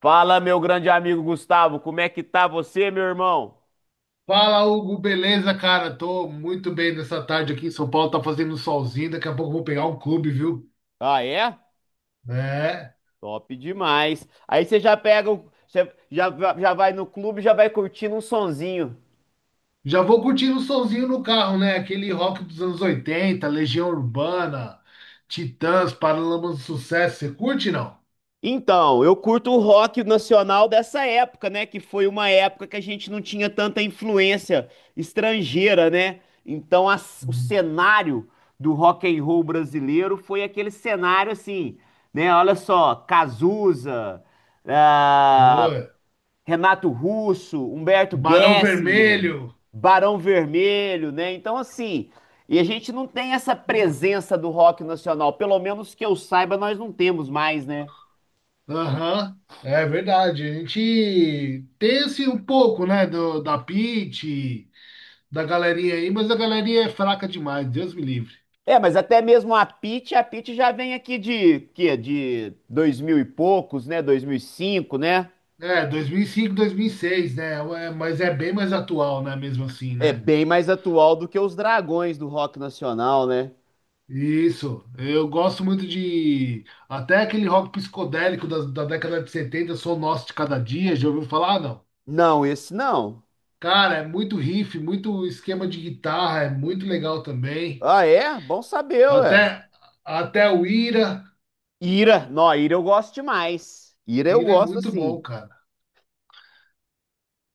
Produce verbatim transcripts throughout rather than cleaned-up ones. Fala, meu grande amigo Gustavo, como é que tá você, meu irmão? Fala, Hugo, beleza, cara? Tô muito bem nessa tarde aqui em São Paulo, tá fazendo um solzinho, daqui a pouco eu vou pegar um clube, viu? Ah, é? É. Top demais. Aí você já pega, o- você já, já vai no clube, e já vai curtindo um sonzinho. Já vou curtindo o solzinho no carro, né? Aquele rock dos anos oitenta, Legião Urbana, Titãs, Paralamas do Sucesso, você curte, não? Então, eu curto o rock nacional dessa época, né? Que foi uma época que a gente não tinha tanta influência estrangeira, né? Então, as- o Uhum. cenário do rock and roll brasileiro foi aquele cenário assim, né? Olha só, Cazuza, Pô, ah, Renato Russo, Humberto Barão Gessinger, Vermelho, Barão Vermelho, né? Então, assim, e a gente não tem essa presença do rock nacional, pelo menos que eu saiba, nós não temos mais, né? aham. É verdade, a gente tem assim um pouco, né, do, da Pitty, da galerinha aí, mas a galerinha é fraca demais, Deus me livre. É, mas até mesmo a Pitty, a Pitty já vem aqui de, quê? De dois mil e poucos, né? Dois mil e cinco, né? É, dois dois mil mil e cinco, dois mil e seis, né? É, mas é bem mais atual, né? Mesmo assim, É né? bem mais atual do que os Dragões do rock nacional, né? Isso. Eu gosto muito de. Até aquele rock psicodélico da, da década de setenta, Sou Nosso de Cada Dia, já ouviu falar? Ah, não. Não, esse não. Cara, é muito riff, muito esquema de guitarra, é muito legal também. Ah, é? Bom saber, ué. Até, até o Ira. Ira, não, Ira eu gosto demais. Ira eu Ira é gosto muito bom, assim. cara.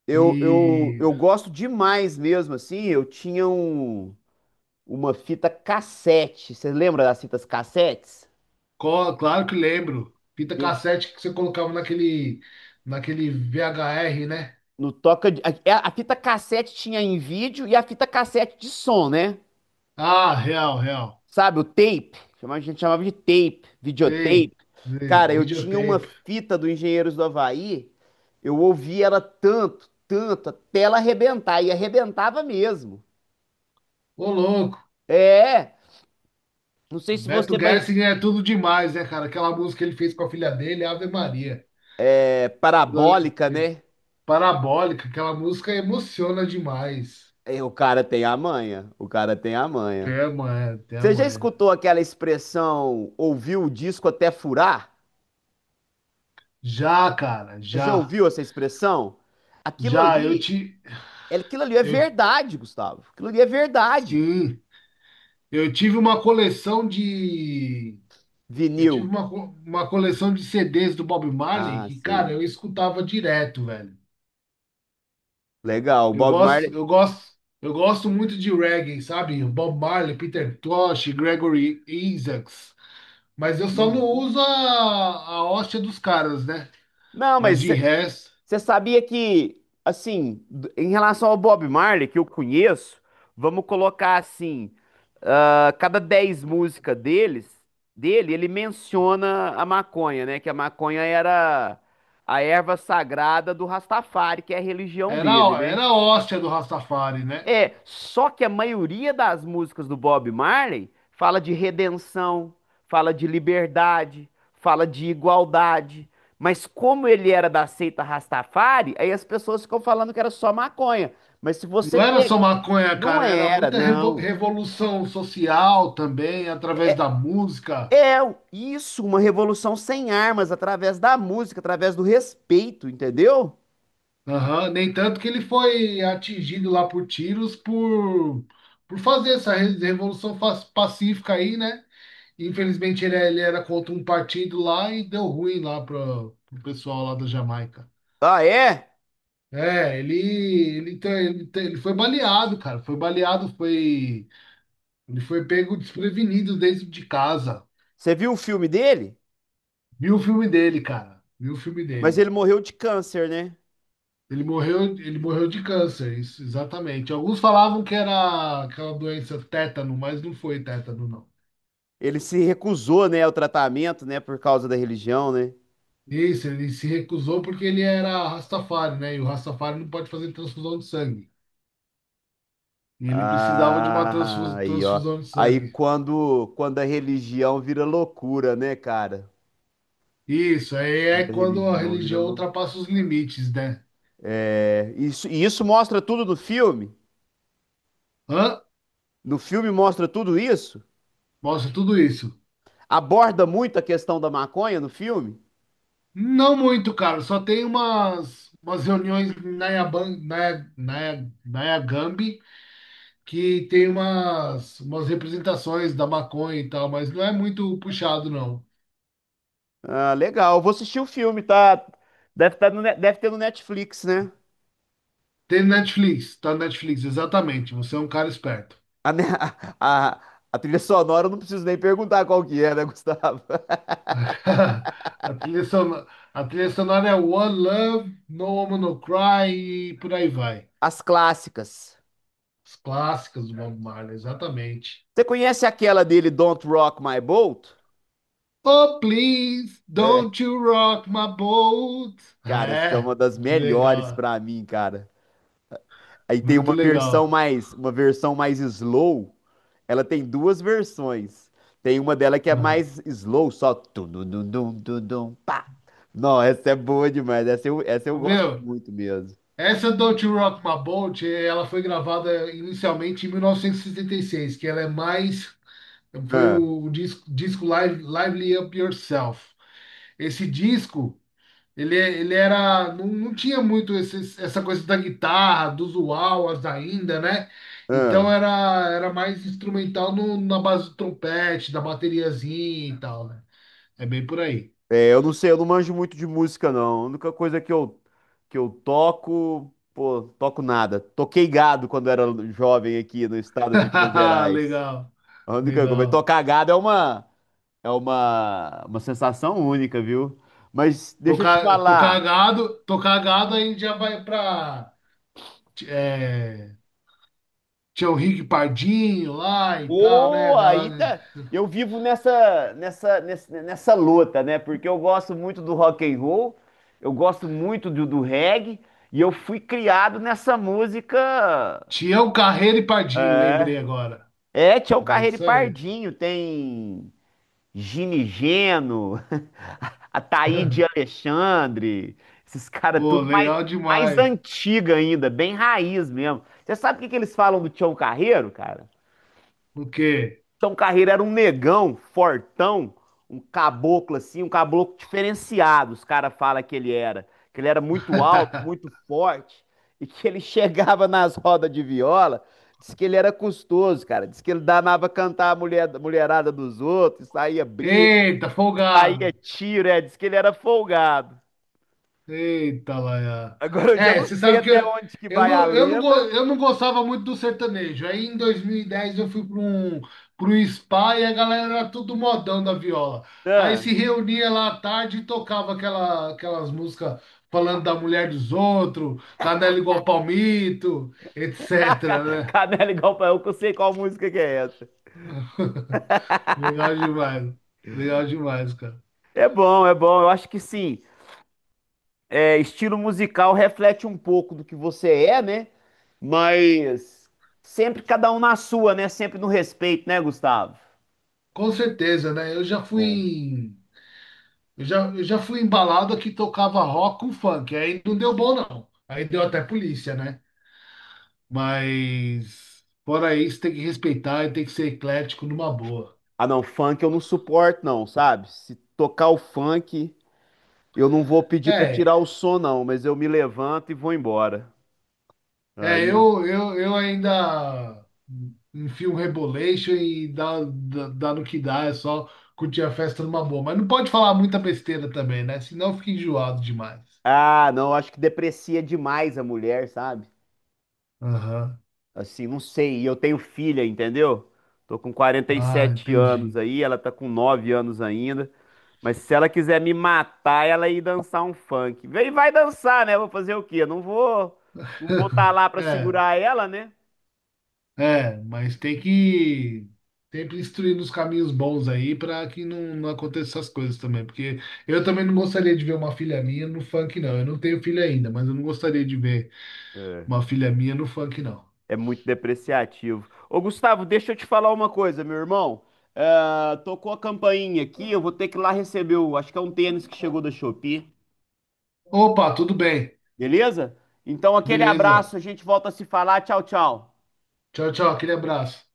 Eu, eu, E eu gosto demais mesmo, assim. Eu tinha um, uma fita cassete. Você lembra das fitas cassetes? Co- claro que lembro. Fita Eu, cassete que você colocava naquele, naquele V H R, né? no toca de- a, é, A fita cassete tinha em vídeo e a fita cassete de som, né? Ah, real, real. Sabe, o tape. Chama- A gente chamava de tape, videotape. Sei, sei, Cara, eu tinha uma videotape. fita do Engenheiros do Havaí. Eu ouvia ela tanto, tanto, até ela arrebentar. E arrebentava mesmo. Ô, louco, É, não sei se Beto você vai. Gershing é tudo demais, né, cara? Aquela música que ele fez com a filha dele, Ave Maria. É Aquilo ali- parabólica, né? Parabólica, aquela música emociona demais. É, o cara tem a manha, o cara tem a manha. Até amanhã, até Você já amanhã. escutou aquela expressão ouviu o disco até furar? Já, cara, Você já já. ouviu essa expressão? Aquilo Já, eu ali, te. é- aquilo ali é Eu, verdade, Gustavo. Aquilo ali é verdade. sim, eu tive uma coleção de. Eu Vinil. tive uma, co- uma coleção de C Ds do Bob Marley Ah, que, sei. cara, eu escutava direto, velho. Legal, o Eu Bob Marley. gosto, eu gosto, eu gosto muito de reggae, sabe? Bob Marley, Peter Tosh, Gregory Isaacs. Mas eu só não Uhum. uso a, a hóstia dos caras, né? Não, Mas mas de resto, você sabia que, assim, d- em relação ao Bob Marley, que eu conheço, vamos colocar assim, ah, cada dez músicas deles, dele, ele menciona a maconha, né? Que a maconha era a erva sagrada do Rastafari, que é a religião era, dele, né? era a hóstia do Rastafari, né? É, só que a maioria das músicas do Bob Marley fala de redenção, fala de liberdade, fala de igualdade. Mas como ele era da seita Rastafari, aí as pessoas ficam falando que era só maconha. Mas se você Não era só pega, maconha, não cara, era era, muita revo- não. revolução social também, através da música. É isso, uma revolução sem armas, através da música, através do respeito, entendeu? Aham. Nem tanto que ele foi atingido lá por tiros por, por fazer essa re- revolução fa- pacífica aí, né? Infelizmente ele, é, ele era contra um partido lá e deu ruim lá para o pessoal lá da Jamaica. Ah, é? É, ele, ele, tem- ele, tem- ele foi baleado, cara. Foi baleado, foi. Ele foi pego desprevenido dentro de casa. Você viu o filme dele? Viu o filme dele, cara. Viu o filme Mas ele dele. morreu de câncer, né? Ele morreu, ele morreu de câncer, isso, exatamente. Alguns falavam que era aquela doença tétano, mas não foi tétano, não. Ele se recusou, né, ao tratamento, né, por causa da religião, né? Isso, ele se recusou porque ele era Rastafari, né? E o Rastafari não pode fazer transfusão de sangue. E ele precisava de uma Ah, transfus- aí, ó. transfusão de Aí sangue. quando, quando a religião vira loucura, né, cara? Isso, aí Quando é a quando a religião vira religião loucura. ultrapassa os limites, né? Isso, e isso mostra tudo no filme? Hã? No filme mostra tudo isso? Mostra tudo isso. Aborda muito a questão da maconha no filme? Não muito, cara. Só tem umas, umas reuniões em na Naya, na Nayagambi que tem umas, umas representações da maconha e tal, mas não é muito puxado, não. Ah, legal. Eu vou assistir o filme, tá? Deve, tá no, Ne- deve ter no Netflix, né? Tem Netflix, tá no Netflix, exatamente. Você é um cara esperto. A, ne- a, a, trilha sonora eu não preciso nem perguntar qual que é, né, Gustavo? A trilha sonora, a trilha sonora é One Love, No Woman No Cry e por aí vai. As clássicas. Os clássicos do Bob Marley, exatamente. Você conhece aquela dele, Don't Rock My Boat? Oh, please, É, don't you rock my boat. cara, essa é É, uma das melhores legal, pra mim, cara. Aí tem muito uma versão legal. mais, uma versão mais slow. Ela tem duas versões. Tem uma dela que é Aham. mais slow, só tum dum dum dum dum dum, pá. Não, essa é boa demais. Essa eu, essa eu gosto Meu, muito mesmo. essa Don't You Rock My Boat, eh, ela foi gravada inicialmente em mil novecentos e e sessenta e seis, que ela é mais, foi Ah, o disco, disco Live, Lively Up Yourself. Esse disco. Ele, ele era. Não, não tinha muito esses- essa coisa da guitarra, dos uauas ainda, né? ah. Então era, era mais instrumental no- na base do trompete, da bateriazinha e tal, né? É bem por aí. É, eu não sei, eu não manjo muito de música, não. A única coisa que eu, que eu toco, pô, toco nada. Toquei gado quando era jovem aqui no estado de Minas Gerais. Legal, A única coisa, legal. tocar gado é uma, é uma, uma sensação única, viu? Mas deixa eu te Tocar, tocar falar, gado, tocar gado aí já vai pra é, Tião Henrique Pardinho lá e tal, né? pô, aí Galera? tá, eu vivo nessa, nessa, nessa, nessa luta, né? Porque eu gosto muito do rock and roll, eu gosto muito do, do reggae, e eu fui criado nessa música. Tião Carreiro e Pardinho, lembrei agora. É, tinha o É Carreiro e isso aí. Pardinho, tem Ginigeno, Ataíde Alexandre, esses caras Pô, tudo mais, legal mais demais. antiga ainda, bem raiz mesmo. Você sabe o que que eles falam do Tião Carreiro, cara? O quê? Então, Carreiro era um negão, fortão, um caboclo assim, um caboclo diferenciado. Os caras falam que ele era, que ele era muito alto, muito forte e que ele chegava nas rodas de viola. Diz que ele era custoso, cara. Diz que ele danava cantar a mulher, mulherada dos outros, saía briga, Eita, saía folgado. tiro, é. Diz que ele era folgado. Eita, Laia. Agora eu já É, não você sei sabe que até eu, onde que eu, vai a não, eu, não, go- lenda. eu não gostava muito do sertanejo. Aí em dois mil e dez, eu fui para um, para um spa e a galera era tudo modão da viola. Aí Ah, se reunia lá à tarde e tocava aquela, aquelas músicas falando da mulher dos outros, canela igual palmito, etc, Ca- né? Canela igual pra eu, que eu sei qual música que é essa. Legal demais. Legal demais, cara. É bom, é bom. Eu acho que sim. É, estilo musical reflete um pouco do que você é, né? Mas sempre cada um na sua, né? Sempre no respeito, né, Gustavo? Com certeza, né? Eu já fui em- Eu já, eu já fui embalado que tocava rock com funk. Aí não deu bom, não. Aí deu até polícia, né? Mas fora isso, tem que respeitar e tem que ser eclético numa boa. Ah, não, funk eu não suporto, não, sabe? Se tocar o funk, eu não vou pedir pra É, tirar o som, não, mas eu me levanto e vou embora. é, Aí. eu, eu, eu ainda enfio um rebolation e dá, dá, dá no que dá, é só curtir a festa numa boa. Mas não pode falar muita besteira também, né? Senão fica enjoado demais. Ah, não, acho que deprecia demais a mulher, sabe? Aham. Assim, não sei. E eu tenho filha, entendeu? Tô com quarenta e Ah, sete anos entendi. aí, ela tá com nove anos ainda. Mas se ela quiser me matar, ela ir dançar um funk. Vem, vai dançar, né? Vou fazer o quê? Eu Não vou, não vou estar lá pra É. segurar ela, né? É, mas tem que sempre instruir nos caminhos bons aí para que não, não aconteça essas coisas também. Porque eu também não gostaria de ver uma filha minha no funk, não. Eu não tenho filha ainda, mas eu não gostaria de ver É, uma filha minha no funk, não. é muito depreciativo. Ô, Gustavo, deixa eu te falar uma coisa, meu irmão. Ah, tocou a campainha aqui, eu vou ter que ir lá receber o, acho que é um tênis que chegou da Shopee, Opa, tudo bem. beleza? Então, aquele Beleza. abraço, a gente volta a se falar. Tchau, tchau. Tchau, tchau. Aquele abraço.